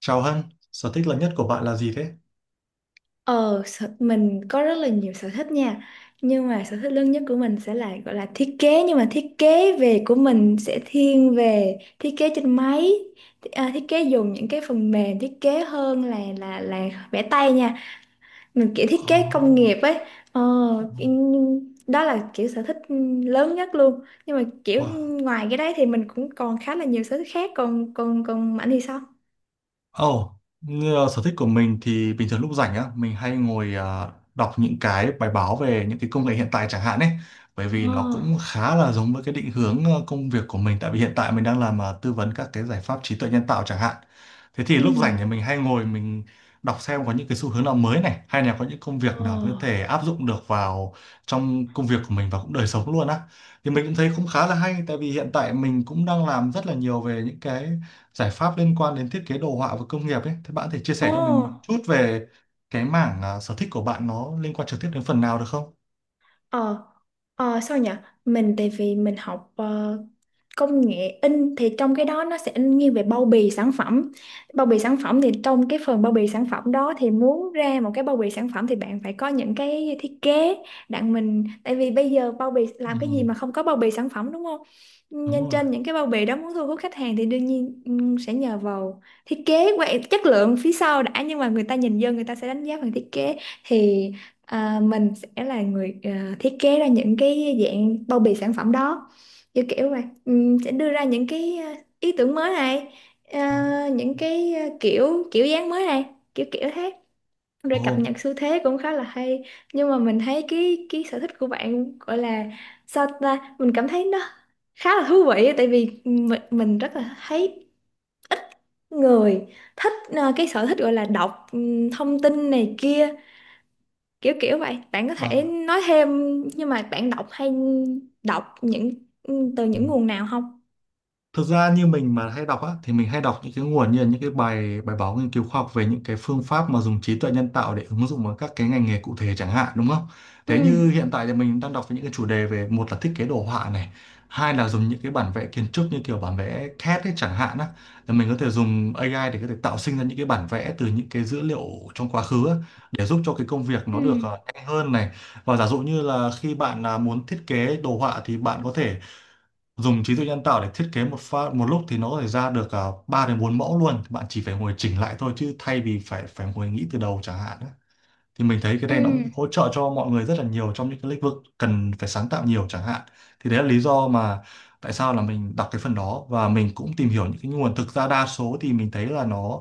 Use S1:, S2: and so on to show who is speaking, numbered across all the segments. S1: Chào Hân, sở thích lớn nhất của bạn là gì thế?
S2: Mình có rất là nhiều sở thích nha. Nhưng mà sở thích lớn nhất của mình sẽ là gọi là thiết kế. Nhưng mà thiết kế về của mình sẽ thiên về thiết kế trên máy. Thiết kế dùng những cái phần mềm thiết kế hơn là vẽ tay nha. Mình kiểu thiết kế công nghiệp
S1: Oh,
S2: ấy. Ờ, Đó là kiểu sở thích lớn nhất luôn. Nhưng mà kiểu
S1: wow.
S2: ngoài cái đấy thì mình cũng còn khá là nhiều sở thích khác. Còn còn còn Mạnh thì sao?
S1: Ồ, như là sở thích của mình thì bình thường lúc rảnh á, mình hay ngồi đọc những cái bài báo về những cái công nghệ hiện tại chẳng hạn ấy. Bởi vì
S2: Ờ,
S1: nó cũng khá là giống với cái định hướng công việc của mình tại vì hiện tại mình đang làm tư vấn các cái giải pháp trí tuệ nhân tạo chẳng hạn. Thế thì
S2: ừ.
S1: lúc rảnh thì mình hay ngồi mình đọc xem có những cái xu hướng nào mới này hay là có những công
S2: Ờ,
S1: việc nào có thể áp dụng được vào trong công việc của mình và cũng đời sống luôn á. Thì mình cũng thấy cũng khá là hay tại vì hiện tại mình cũng đang làm rất là nhiều về những cái giải pháp liên quan đến thiết kế đồ họa và công nghiệp ấy thì bạn có thể chia
S2: ồ.
S1: sẻ cho mình chút về cái mảng sở thích của bạn nó liên quan trực tiếp đến phần nào được không?
S2: Ờ, sao nhỉ? Mình tại vì mình học công nghệ in, thì trong cái đó nó sẽ in nghiêng về bao bì sản phẩm. Bao bì sản phẩm, thì trong cái phần bao bì sản phẩm đó, thì muốn ra một cái bao bì sản phẩm thì bạn phải có những cái thiết kế. Đặng mình tại vì bây giờ bao bì
S1: Ừ,
S2: làm cái gì mà không có bao bì sản phẩm, đúng không?
S1: đúng
S2: Nên
S1: rồi.
S2: trên những cái bao bì đó muốn thu hút khách hàng thì đương nhiên sẽ nhờ vào thiết kế qua chất lượng phía sau đã, nhưng mà người ta nhìn vô người ta sẽ đánh giá bằng thiết kế. Thì mình sẽ là người thiết kế ra những cái dạng bao bì sản phẩm đó, kiểu kiểu vậy. Sẽ đưa ra những cái ý tưởng mới này, ờ,
S1: Đó.
S2: những cái kiểu kiểu dáng mới này, kiểu kiểu thế, rồi cập
S1: Ồ,
S2: nhật xu thế cũng khá là hay. Nhưng mà mình thấy cái sở thích của bạn gọi là sao ta, mình cảm thấy nó khá là thú vị, tại vì mình rất là thấy ít người thích cái sở thích gọi là đọc thông tin này kia, kiểu kiểu vậy. Bạn có thể
S1: à,
S2: nói thêm, nhưng mà bạn đọc hay đọc những từ
S1: ừ.
S2: những nguồn nào không?
S1: Thực ra như mình mà hay đọc á, thì mình hay đọc những cái nguồn như là những cái bài bài báo nghiên cứu khoa học về những cái phương pháp mà dùng trí tuệ nhân tạo để ứng dụng vào các cái ngành nghề cụ thể chẳng hạn đúng không?
S2: Ừ.
S1: Thế như hiện tại thì mình đang đọc về những cái chủ đề về một là thiết kế đồ họa này, hai là dùng những cái bản vẽ kiến trúc như kiểu bản vẽ CAD ấy chẳng hạn á, là mình có thể dùng AI để có thể tạo sinh ra những cái bản vẽ từ những cái dữ liệu trong quá khứ á, để giúp cho cái công việc nó được
S2: Ừ.
S1: nhanh hơn này. Và giả dụ như là khi bạn muốn thiết kế đồ họa thì bạn có thể dùng trí tuệ nhân tạo để thiết kế một pha một lúc thì nó có thể ra được 3 đến 4 mẫu luôn bạn chỉ phải ngồi chỉnh lại thôi chứ thay vì phải phải ngồi nghĩ từ đầu chẳng hạn á. Thì mình thấy cái này nó
S2: Ừ.
S1: cũng hỗ trợ cho mọi người rất là nhiều trong những cái lĩnh vực cần phải sáng tạo nhiều chẳng hạn thì đấy là lý do mà tại sao là mình đọc cái phần đó và mình cũng tìm hiểu những cái nguồn, thực ra đa số thì mình thấy là nó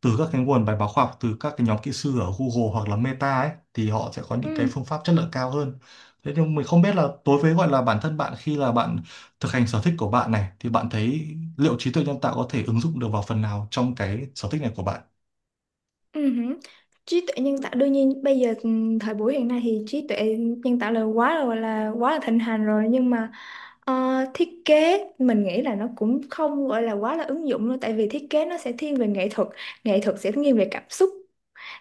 S1: từ các cái nguồn bài báo khoa học từ các cái nhóm kỹ sư ở Google hoặc là Meta ấy thì họ sẽ có
S2: Ừ.
S1: những cái phương pháp chất lượng cao hơn. Thế nhưng mình không biết là đối với gọi là bản thân bạn, khi là bạn thực hành sở thích của bạn này thì bạn thấy liệu trí tuệ nhân tạo có thể ứng dụng được vào phần nào trong cái sở thích này của bạn?
S2: Ừ hử. Trí tuệ nhân tạo đương nhiên bây giờ, thời buổi hiện nay thì trí tuệ nhân tạo là quá rồi, là quá là thịnh hành rồi. Nhưng mà thiết kế mình nghĩ là nó cũng không gọi là quá là ứng dụng luôn, tại vì thiết kế nó sẽ thiên về nghệ thuật, nghệ thuật sẽ thiên về cảm xúc,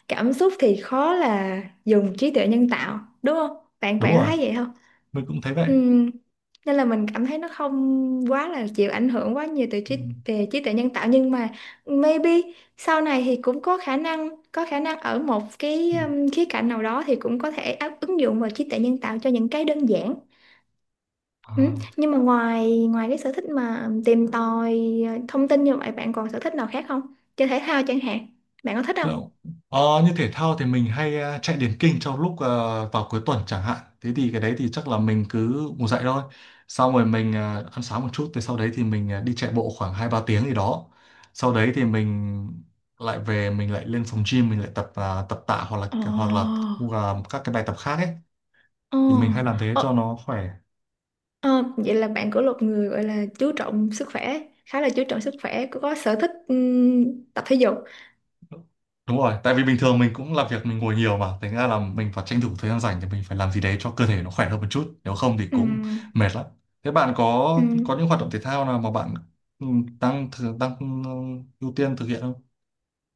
S2: cảm xúc thì khó là dùng trí tuệ nhân tạo đúng không? bạn
S1: Đúng
S2: bạn có
S1: rồi,
S2: thấy vậy không?
S1: mình cũng thấy vậy.
S2: Ừm, Nên là mình cảm thấy nó không quá là chịu ảnh hưởng quá nhiều từ
S1: Ừ.
S2: trí, về trí tuệ nhân tạo. Nhưng mà maybe sau này thì cũng có khả năng, có khả năng ở một cái
S1: Ừ.
S2: khía cạnh nào đó thì cũng có thể áp, ứng dụng vào trí tuệ nhân tạo cho những cái đơn giản. Ừ.
S1: À.
S2: Nhưng mà ngoài ngoài cái sở thích mà tìm tòi thông tin như vậy, bạn còn sở thích nào khác không? Chơi thể thao chẳng hạn. Bạn có thích không?
S1: Đúng. Ờ, như thể thao thì mình hay chạy điền kinh trong lúc vào cuối tuần chẳng hạn. Thế thì cái đấy thì chắc là mình cứ ngủ dậy thôi. Xong rồi mình ăn sáng một chút, thì sau đấy thì mình đi chạy bộ khoảng hai ba tiếng gì đó. Sau đấy thì mình lại về, mình lại lên phòng gym mình lại tập tập tạ hoặc là
S2: Ồ.
S1: hoặc là các cái bài tập khác ấy,
S2: Ồ,
S1: thì mình hay làm thế
S2: ồ.
S1: cho nó khỏe.
S2: Ờ, vậy là bạn của một người gọi là chú trọng sức khỏe, khá là chú trọng sức khỏe, có sở thích tập thể dục.
S1: Đúng rồi, tại vì bình thường mình cũng làm việc mình ngồi nhiều mà, thành ra là mình phải tranh thủ thời gian rảnh thì mình phải làm gì đấy cho cơ thể nó khỏe hơn một chút, nếu không thì cũng
S2: Ừm.
S1: mệt lắm. Thế bạn
S2: Ừm.
S1: có những hoạt động thể thao nào mà bạn ừ, đang ừ, ưu tiên thực hiện không?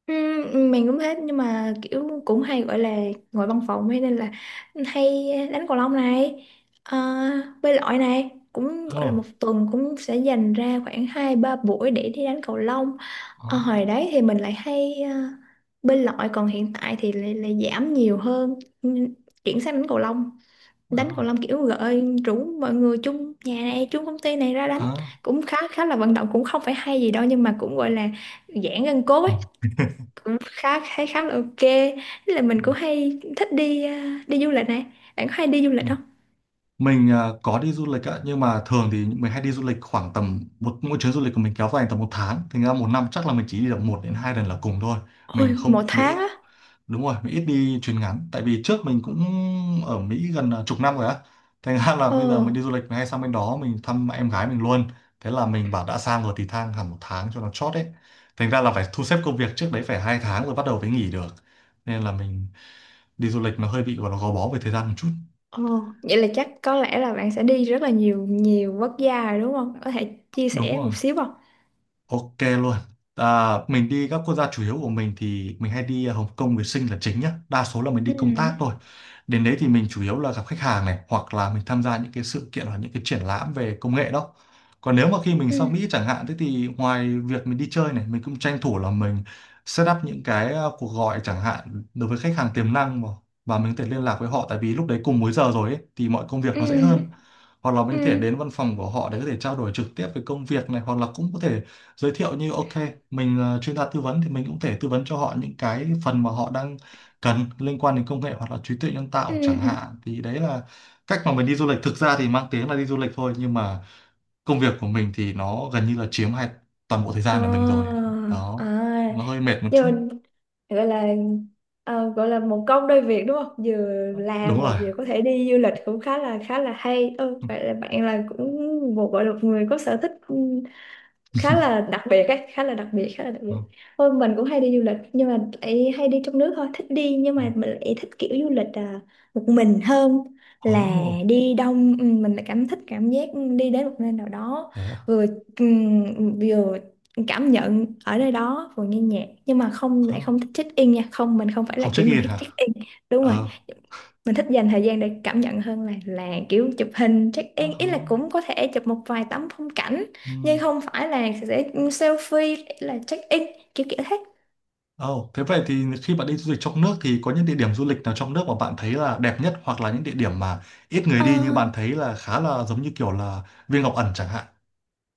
S2: mình cũng thế, nhưng mà kiểu cũng hay gọi là ngồi văn phòng ấy, nên là hay đánh cầu lông này, ờ, bơi lội này, cũng
S1: Ồ,
S2: gọi là một tuần cũng sẽ dành ra khoảng hai ba buổi để đi đánh cầu lông.
S1: có.
S2: Ờ, hồi đấy thì mình lại hay bơi lội, còn hiện tại thì lại giảm nhiều hơn. Ừm, chuyển sang đánh cầu lông. Đánh cầu
S1: Có.
S2: lông kiểu gợi rủ mọi người chung nhà này chung công ty này ra đánh,
S1: À,
S2: cũng khá khá là vận động, cũng không phải hay gì đâu nhưng mà cũng gọi là giãn gân cốt ấy, cũng khá khá khá là ok. Thế là
S1: ừ,
S2: mình cũng hay thích đi đi du lịch này, bạn có hay đi du
S1: ừ.
S2: lịch không?
S1: Mình à, có đi du lịch ạ, nhưng mà thường thì mình hay đi du lịch khoảng tầm một, mỗi chuyến du lịch của mình kéo dài tầm một tháng, thành ra một năm chắc là mình chỉ đi được một đến hai lần là cùng thôi.
S2: Ôi
S1: Mình không đi
S2: một
S1: Mỹ
S2: tháng á.
S1: đúng rồi, mình ít đi chuyến ngắn tại vì trước mình cũng ở Mỹ gần chục năm rồi á, thành ra là
S2: Ồ.
S1: bây giờ mình đi du lịch mình hay sang bên đó mình thăm em gái mình luôn. Thế là mình bảo đã sang rồi thì thang hẳn một tháng cho nó chót đấy, thành ra là phải thu xếp công việc trước đấy phải hai tháng rồi bắt đầu mới nghỉ được, nên là mình đi du lịch nó hơi bị gọi là gò bó về thời gian một chút.
S2: Ồ, vậy là chắc có lẽ là bạn sẽ đi rất là nhiều nhiều quốc gia rồi đúng không, có thể chia
S1: Đúng
S2: sẻ
S1: rồi.
S2: một xíu không?
S1: Ok luôn. À, mình đi các quốc gia chủ yếu của mình thì mình hay đi Hồng Kông với Sinh là chính nhá. Đa số là mình
S2: Ừ.
S1: đi công tác thôi. Đến đấy thì mình chủ yếu là gặp khách hàng này hoặc là mình tham gia những cái sự kiện hoặc những cái triển lãm về công nghệ đó. Còn nếu mà khi mình
S2: Ừ.
S1: sang Mỹ chẳng hạn thế thì ngoài việc mình đi chơi này mình cũng tranh thủ là mình set up những cái cuộc gọi chẳng hạn đối với khách hàng tiềm năng mà, và mình có thể liên lạc với họ tại vì lúc đấy cùng múi giờ rồi ấy, thì mọi công việc nó dễ
S2: Ừ.
S1: hơn, hoặc là mình có thể
S2: Ừ.
S1: đến văn phòng của họ để có thể trao đổi trực tiếp về công việc này hoặc là cũng có thể giới thiệu như ok, mình là chuyên gia tư vấn thì mình cũng thể tư vấn cho họ những cái phần mà họ đang cần liên quan đến công nghệ hoặc là trí tuệ nhân tạo chẳng
S2: Ừ.
S1: hạn, thì đấy là cách mà mình đi du lịch. Thực ra thì mang tiếng là đi du lịch thôi nhưng mà công việc của mình thì nó gần như là chiếm hai toàn bộ thời
S2: Ờ,
S1: gian của mình rồi.
S2: à,
S1: Đó, nó hơi mệt một
S2: nhưng
S1: chút.
S2: mà gọi là gọi là một công đôi việc, đúng không, vừa
S1: Đúng
S2: làm mà
S1: rồi.
S2: vừa có thể đi du lịch cũng khá là hay. Ừ, vậy là bạn là cũng một gọi là một người có sở thích khá là đặc biệt ấy, khá là đặc biệt, khá là đặc biệt. Thôi mình cũng hay đi du lịch nhưng mà lại hay đi trong nước thôi, thích đi nhưng mà mình lại thích kiểu du lịch một mình hơn là
S1: Ồ,
S2: đi đông. Ừ, mình lại cảm thích cảm giác đi đến một nơi nào đó
S1: thế à.
S2: vừa vừa cảm nhận ở nơi đó, vừa nghe nhạc. Nhưng mà không, lại
S1: Ờ.
S2: không thích check in nha, không, mình không phải là
S1: Không check
S2: kiểu người
S1: in
S2: thích
S1: hả.
S2: check in. Đúng rồi,
S1: Ờ.
S2: mình thích dành thời gian để cảm nhận hơn là kiểu chụp hình check
S1: Ờ.
S2: in. Ý là cũng có thể chụp một vài tấm phong cảnh,
S1: Ừ.
S2: nhưng không phải là sẽ selfie là check in, kiểu kiểu thế.
S1: Ồ, thế vậy thì khi bạn đi du lịch trong nước thì có những địa điểm du lịch nào trong nước mà bạn thấy là đẹp nhất hoặc là những địa điểm mà ít người
S2: Ờ,
S1: đi nhưng bạn thấy là khá là giống như kiểu là Viên Ngọc Ẩn chẳng hạn.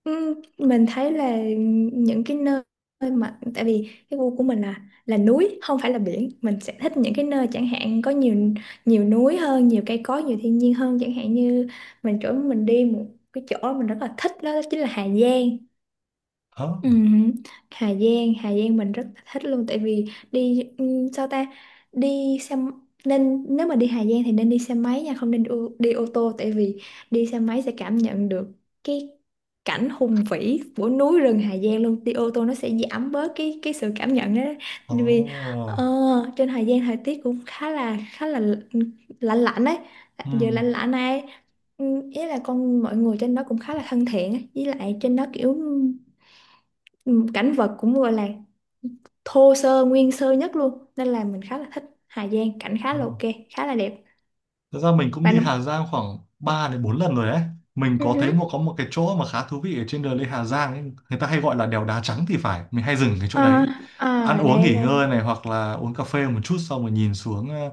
S2: mình thấy là những cái nơi mà, tại vì cái gu của mình là núi không phải là biển, mình sẽ thích những cái nơi chẳng hạn có nhiều, nhiều núi hơn, nhiều cây cối, nhiều thiên nhiên hơn. Chẳng hạn như mình chỗ mình đi một cái chỗ mình rất là thích đó chính là Hà Giang.
S1: Ồ,
S2: Ừ, Hà Giang mình rất là thích luôn, tại vì đi sao ta, đi xe m- nên nếu mà đi Hà Giang thì nên đi xe máy nha, không nên đi ô tô, tại vì đi xe máy sẽ cảm nhận được cái cảnh hùng vĩ của núi rừng Hà Giang luôn. Đi ô tô nó sẽ giảm bớt cái sự cảm nhận đó.
S1: ồ,
S2: Tại vì ờ, trên Hà Giang thời tiết cũng khá là lạnh lạnh ấy, giờ lạnh
S1: ừm,
S2: lạnh này. Ừ, ý là con mọi người trên đó cũng khá là thân thiện ấy, với lại trên đó kiểu ừm, cảnh vật cũng gọi là thô sơ, nguyên sơ nhất luôn, nên là mình khá là thích Hà Giang, cảnh khá
S1: ồ.
S2: là ok, khá là đẹp.
S1: Thật ra mình cũng
S2: Bạn
S1: đi
S2: đúng.
S1: Hà Giang khoảng 3 đến 4 lần rồi đấy. Mình
S2: Ừ
S1: có thấy
S2: hứ.
S1: một, có một cái chỗ mà khá thú vị ở trên đường lên Hà Giang ấy. Người ta hay gọi là đèo đá trắng thì phải. Mình hay dừng cái chỗ đấy.
S2: À,
S1: Ăn
S2: à,
S1: uống
S2: đây
S1: nghỉ
S2: đây.
S1: ngơi này hoặc là uống cà phê một chút xong rồi nhìn xuống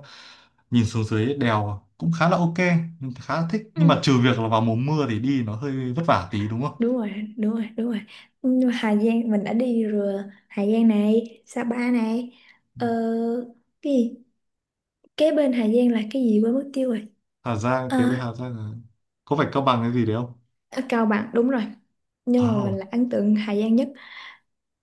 S1: nhìn xuống dưới đèo cũng khá là ok, mình khá là thích. Nhưng mà
S2: Ừ.
S1: trừ việc là vào mùa mưa thì đi nó hơi vất vả tí đúng không?
S2: Đúng rồi, đúng rồi, đúng rồi. Nhưng mà Hà Giang mình đã đi rồi, Hà Giang này, Sapa này, ờ, cái gì kế bên Hà Giang là cái gì quên mất tiêu rồi.
S1: Hà Giang kế
S2: Ờ,
S1: với Hà Giang là- Có phải Cao Bằng cái gì đấy không?
S2: ở Cao Bằng đúng rồi, nhưng mà
S1: Ồ,
S2: mình là ấn tượng Hà Giang nhất.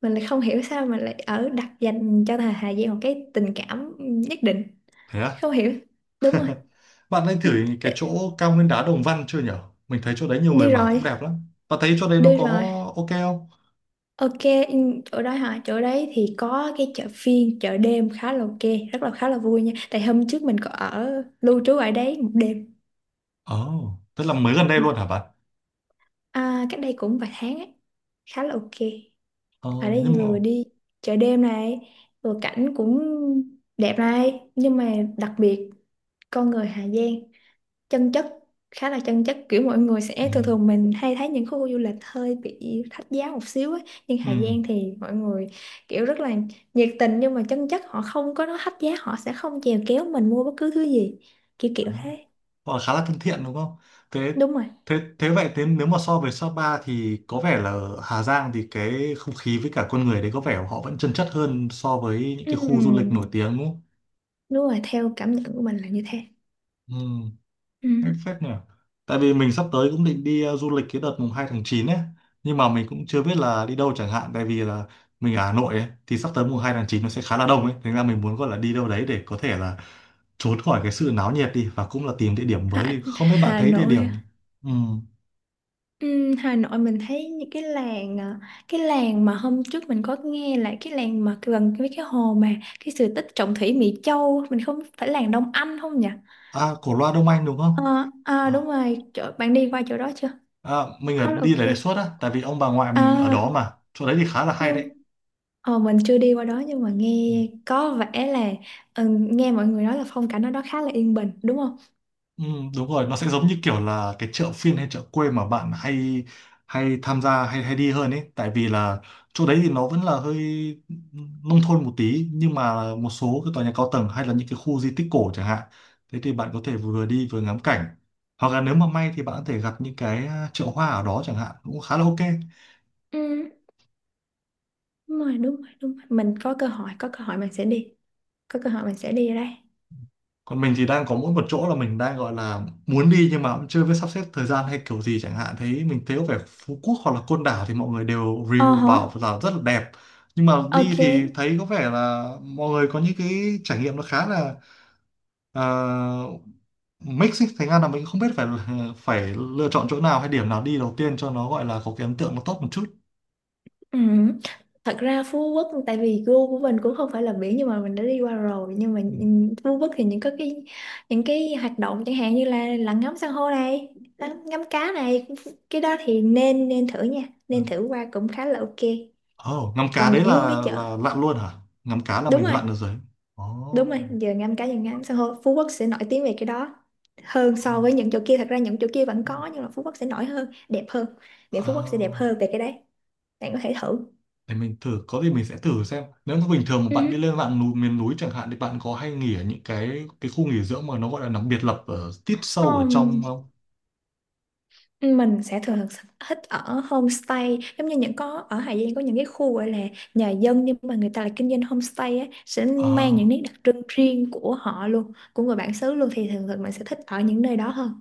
S2: Mình lại không hiểu sao mình lại ở đặt dành cho thà Hà Giang một cái tình cảm nhất định,
S1: thế à?
S2: không hiểu. Đúng rồi.
S1: Bạn nên thử
S2: Ừ,
S1: cái
S2: đ-,
S1: chỗ cao nguyên đá Đồng Văn chưa nhở? Mình thấy chỗ đấy nhiều người
S2: đi
S1: bảo cũng
S2: rồi,
S1: đẹp lắm. Bạn thấy chỗ đấy nó
S2: đi
S1: có
S2: rồi.
S1: ok không?
S2: Ok. Ừ, chỗ đó hả, chỗ đấy thì có cái chợ phiên, chợ đêm khá là ok, rất là khá là vui nha, tại hôm trước mình có ở lưu trú ở đấy một đêm.
S1: Ồ, tức là mới gần đây
S2: Ừ.
S1: luôn hả bạn?
S2: À, cách đây cũng vài tháng ấy, khá là ok.
S1: Ờ,
S2: Ở đây
S1: nhưng mà...
S2: vừa đi chợ đêm này, vừa cảnh cũng đẹp này, nhưng mà đặc biệt con người Hà Giang chân chất, khá là chân chất, kiểu mọi người
S1: Ừ,
S2: sẽ thường thường mình hay thấy những khu du lịch hơi bị thách giá một xíu ấy. Nhưng
S1: ừ.
S2: Hà Giang thì mọi người kiểu rất là nhiệt tình nhưng mà chân chất, họ không có nói thách giá, họ sẽ không chèo kéo mình mua bất cứ thứ gì, kiểu kiểu thế.
S1: Họ khá là thân thiện đúng không? Thế
S2: Đúng rồi.
S1: thế thế vậy, thế nếu mà so với Sapa thì có vẻ là ở Hà Giang thì cái không khí với cả con người đấy có vẻ họ vẫn chân chất hơn so với những cái khu du lịch
S2: Ừm,
S1: nổi tiếng đúng không?
S2: đúng rồi, theo cảm nhận của mình là như thế.
S1: Ừ. Hay
S2: Ừm.
S1: phết nhỉ. Tại vì mình sắp tới cũng định đi du lịch cái đợt mùng 2 tháng 9 ấy, nhưng mà mình cũng chưa biết là đi đâu chẳng hạn tại vì là mình ở Hà Nội ấy thì sắp tới mùng 2 tháng 9 nó sẽ khá là đông ấy, thế nên là mình muốn gọi là đi đâu đấy để có thể là trốn khỏi cái sự náo nhiệt đi và cũng là tìm địa điểm mới đi. Không biết bạn
S2: Hà
S1: thấy địa điểm
S2: Nội.
S1: ừ.
S2: Ừ, Hà Nội mình thấy những cái làng cái làng mà hôm trước mình có nghe là cái làng mà gần với cái hồ mà cái sự tích Trọng Thủy Mỹ Châu, mình không phải làng Đông Anh không nhỉ?
S1: À Cổ Loa Đông Anh đúng không?
S2: À, à
S1: À,
S2: đúng rồi, chỗ, bạn đi qua chỗ đó chưa?
S1: à, mình ở
S2: Khá là ok.
S1: đi để đề xuất á, tại vì ông bà ngoại mình ở đó
S2: À,
S1: mà. Chỗ đấy thì khá là hay
S2: nhưng
S1: đấy.
S2: mình chưa đi qua đó nhưng mà
S1: Ừ.
S2: nghe có vẻ là nghe mọi người nói là phong cảnh ở đó khá là yên bình đúng không?
S1: Ừ, đúng rồi, nó sẽ giống như kiểu là cái chợ phiên hay chợ quê mà bạn hay hay tham gia hay hay đi hơn ấy, tại vì là chỗ đấy thì nó vẫn là hơi nông thôn một tí nhưng mà một số cái tòa nhà cao tầng hay là những cái khu di tích cổ chẳng hạn, thế thì bạn có thể vừa đi vừa ngắm cảnh hoặc là nếu mà may thì bạn có thể gặp những cái chợ hoa ở đó chẳng hạn cũng khá là ok.
S2: Ừ, đúng rồi, đúng rồi, đúng rồi. Mình có cơ hội mình sẽ đi. Có cơ hội mình sẽ đi ở đây.
S1: Còn mình thì đang có mỗi một chỗ là mình đang gọi là muốn đi nhưng mà cũng chưa biết sắp xếp thời gian hay kiểu gì chẳng hạn, thấy mình thấy có vẻ Phú Quốc hoặc là Côn Đảo thì mọi người đều
S2: Ờ
S1: review
S2: hả?
S1: bảo là rất là đẹp nhưng mà đi
S2: Ok.
S1: thì thấy có vẻ là mọi người có những cái trải nghiệm nó khá là uh, mix ấy, thành ra là mình không biết phải phải lựa chọn chỗ nào hay điểm nào đi đầu tiên cho nó gọi là có cái ấn tượng nó tốt một chút.
S2: Ừ. Thật ra Phú Quốc tại vì gu của mình cũng không phải là biển, nhưng mà mình đã đi qua rồi, nhưng mà
S1: Ừ.
S2: nhìn Phú Quốc thì những có cái những cái hoạt động chẳng hạn như là lặn ngắm san hô này, ngắm cá này, cái đó thì nên nên thử nha, nên thử qua cũng khá là ok.
S1: Ồ, ngắm cá
S2: Còn
S1: đấy
S2: những cái chợ.
S1: là lặn luôn hả? Ngắm cá là
S2: Đúng
S1: mình
S2: rồi,
S1: lặn được rồi. Ồ.
S2: đúng rồi, giờ ngắm cá, giờ ngắm san hô. Phú Quốc sẽ nổi tiếng về cái đó hơn
S1: Ồ.
S2: so với những chỗ kia. Thật ra những chỗ kia vẫn có nhưng mà Phú Quốc sẽ nổi hơn, đẹp hơn. Biển Phú Quốc sẽ đẹp
S1: À,
S2: hơn về cái đấy, bạn có thể thử.
S1: để mình thử, có gì mình sẽ thử xem. Nếu mà bình thường mà bạn đi
S2: Ừ.
S1: lên mạng núi, miền núi chẳng hạn thì bạn có hay nghỉ ở những cái khu nghỉ dưỡng mà nó gọi là nó biệt lập ở tít sâu ở
S2: Không,
S1: trong không?
S2: mình sẽ thường thường thích ở homestay, giống như những có ở Hà Giang có những cái khu gọi là nhà dân nhưng mà người ta lại kinh doanh homestay á, sẽ mang những
S1: À,
S2: nét đặc trưng riêng của họ luôn, của người bản xứ luôn, thì thường thường mình sẽ thích ở những nơi đó hơn.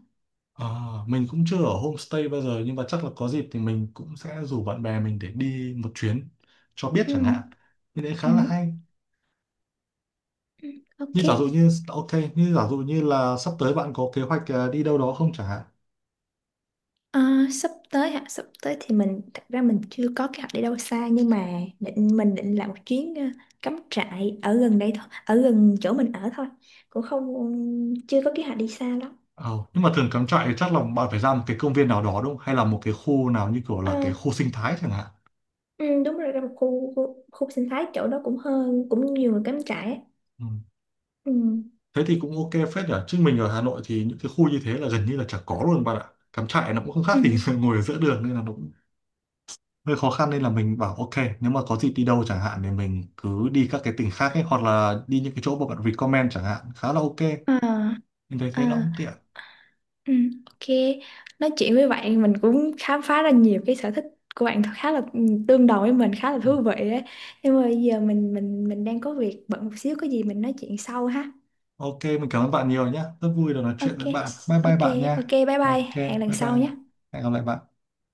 S1: à, mình cũng chưa ở homestay bao giờ nhưng mà chắc là có dịp thì mình cũng sẽ rủ bạn bè mình để đi một chuyến cho biết
S2: Ừ.
S1: chẳng hạn. Thì đấy
S2: Ừ.
S1: khá là hay.
S2: Ừ,
S1: Như
S2: ok.
S1: giả dụ như ok, như giả dụ như là sắp tới bạn có kế hoạch đi đâu đó không chẳng hạn?
S2: Ờ, sắp tới hả, sắp tới thì mình, thật ra mình chưa có kế hoạch đi đâu xa, nhưng mà định mình định làm một chuyến cắm trại ở gần đây thôi, ở gần chỗ mình ở thôi. Cũng không, chưa có kế hoạch đi xa
S1: Ờ, nhưng mà thường cắm trại thì chắc là bạn phải ra một cái công viên nào đó đúng không? Hay là một cái khu nào như kiểu là cái khu
S2: lắm.
S1: sinh thái chẳng hạn.
S2: Ừ, đúng rồi, ra một khu sinh thái, chỗ đó cũng hơn, cũng nhiều người cắm trại á.
S1: Ừ.
S2: Ừ.
S1: Thế thì cũng ok phết nhỉ. Chứ mình ở Hà Nội thì những cái khu như thế là gần như là chả có luôn bạn ạ. Cắm trại nó cũng không khác
S2: Ừ.
S1: gì ngồi ở giữa đường nên là nó cũng hơi khó khăn nên là mình bảo ok, nếu mà có dịp đi đâu chẳng hạn thì mình cứ đi các cái tỉnh khác ấy hoặc là đi những cái chỗ mà bạn recommend chẳng hạn khá là ok.
S2: Ờ,
S1: Mình thấy
S2: ờ,
S1: thế nó cũng tiện.
S2: ừ, ok. Nói chuyện với bạn mình cũng khám phá ra nhiều cái sở thích của bạn khá là tương đồng với mình, khá là
S1: Ừ.
S2: thú vị ấy. Nhưng mà bây giờ mình đang có việc bận một xíu, có gì mình nói chuyện sau ha.
S1: Ok, mình cảm ơn bạn nhiều nhé. Rất vui được nói chuyện
S2: Ok.
S1: với bạn. Bye bye
S2: Ok,
S1: bạn
S2: ok,
S1: nha.
S2: bye bye.
S1: Ok,
S2: Hẹn lần
S1: bye bye.
S2: sau nhé.
S1: Hẹn gặp lại bạn.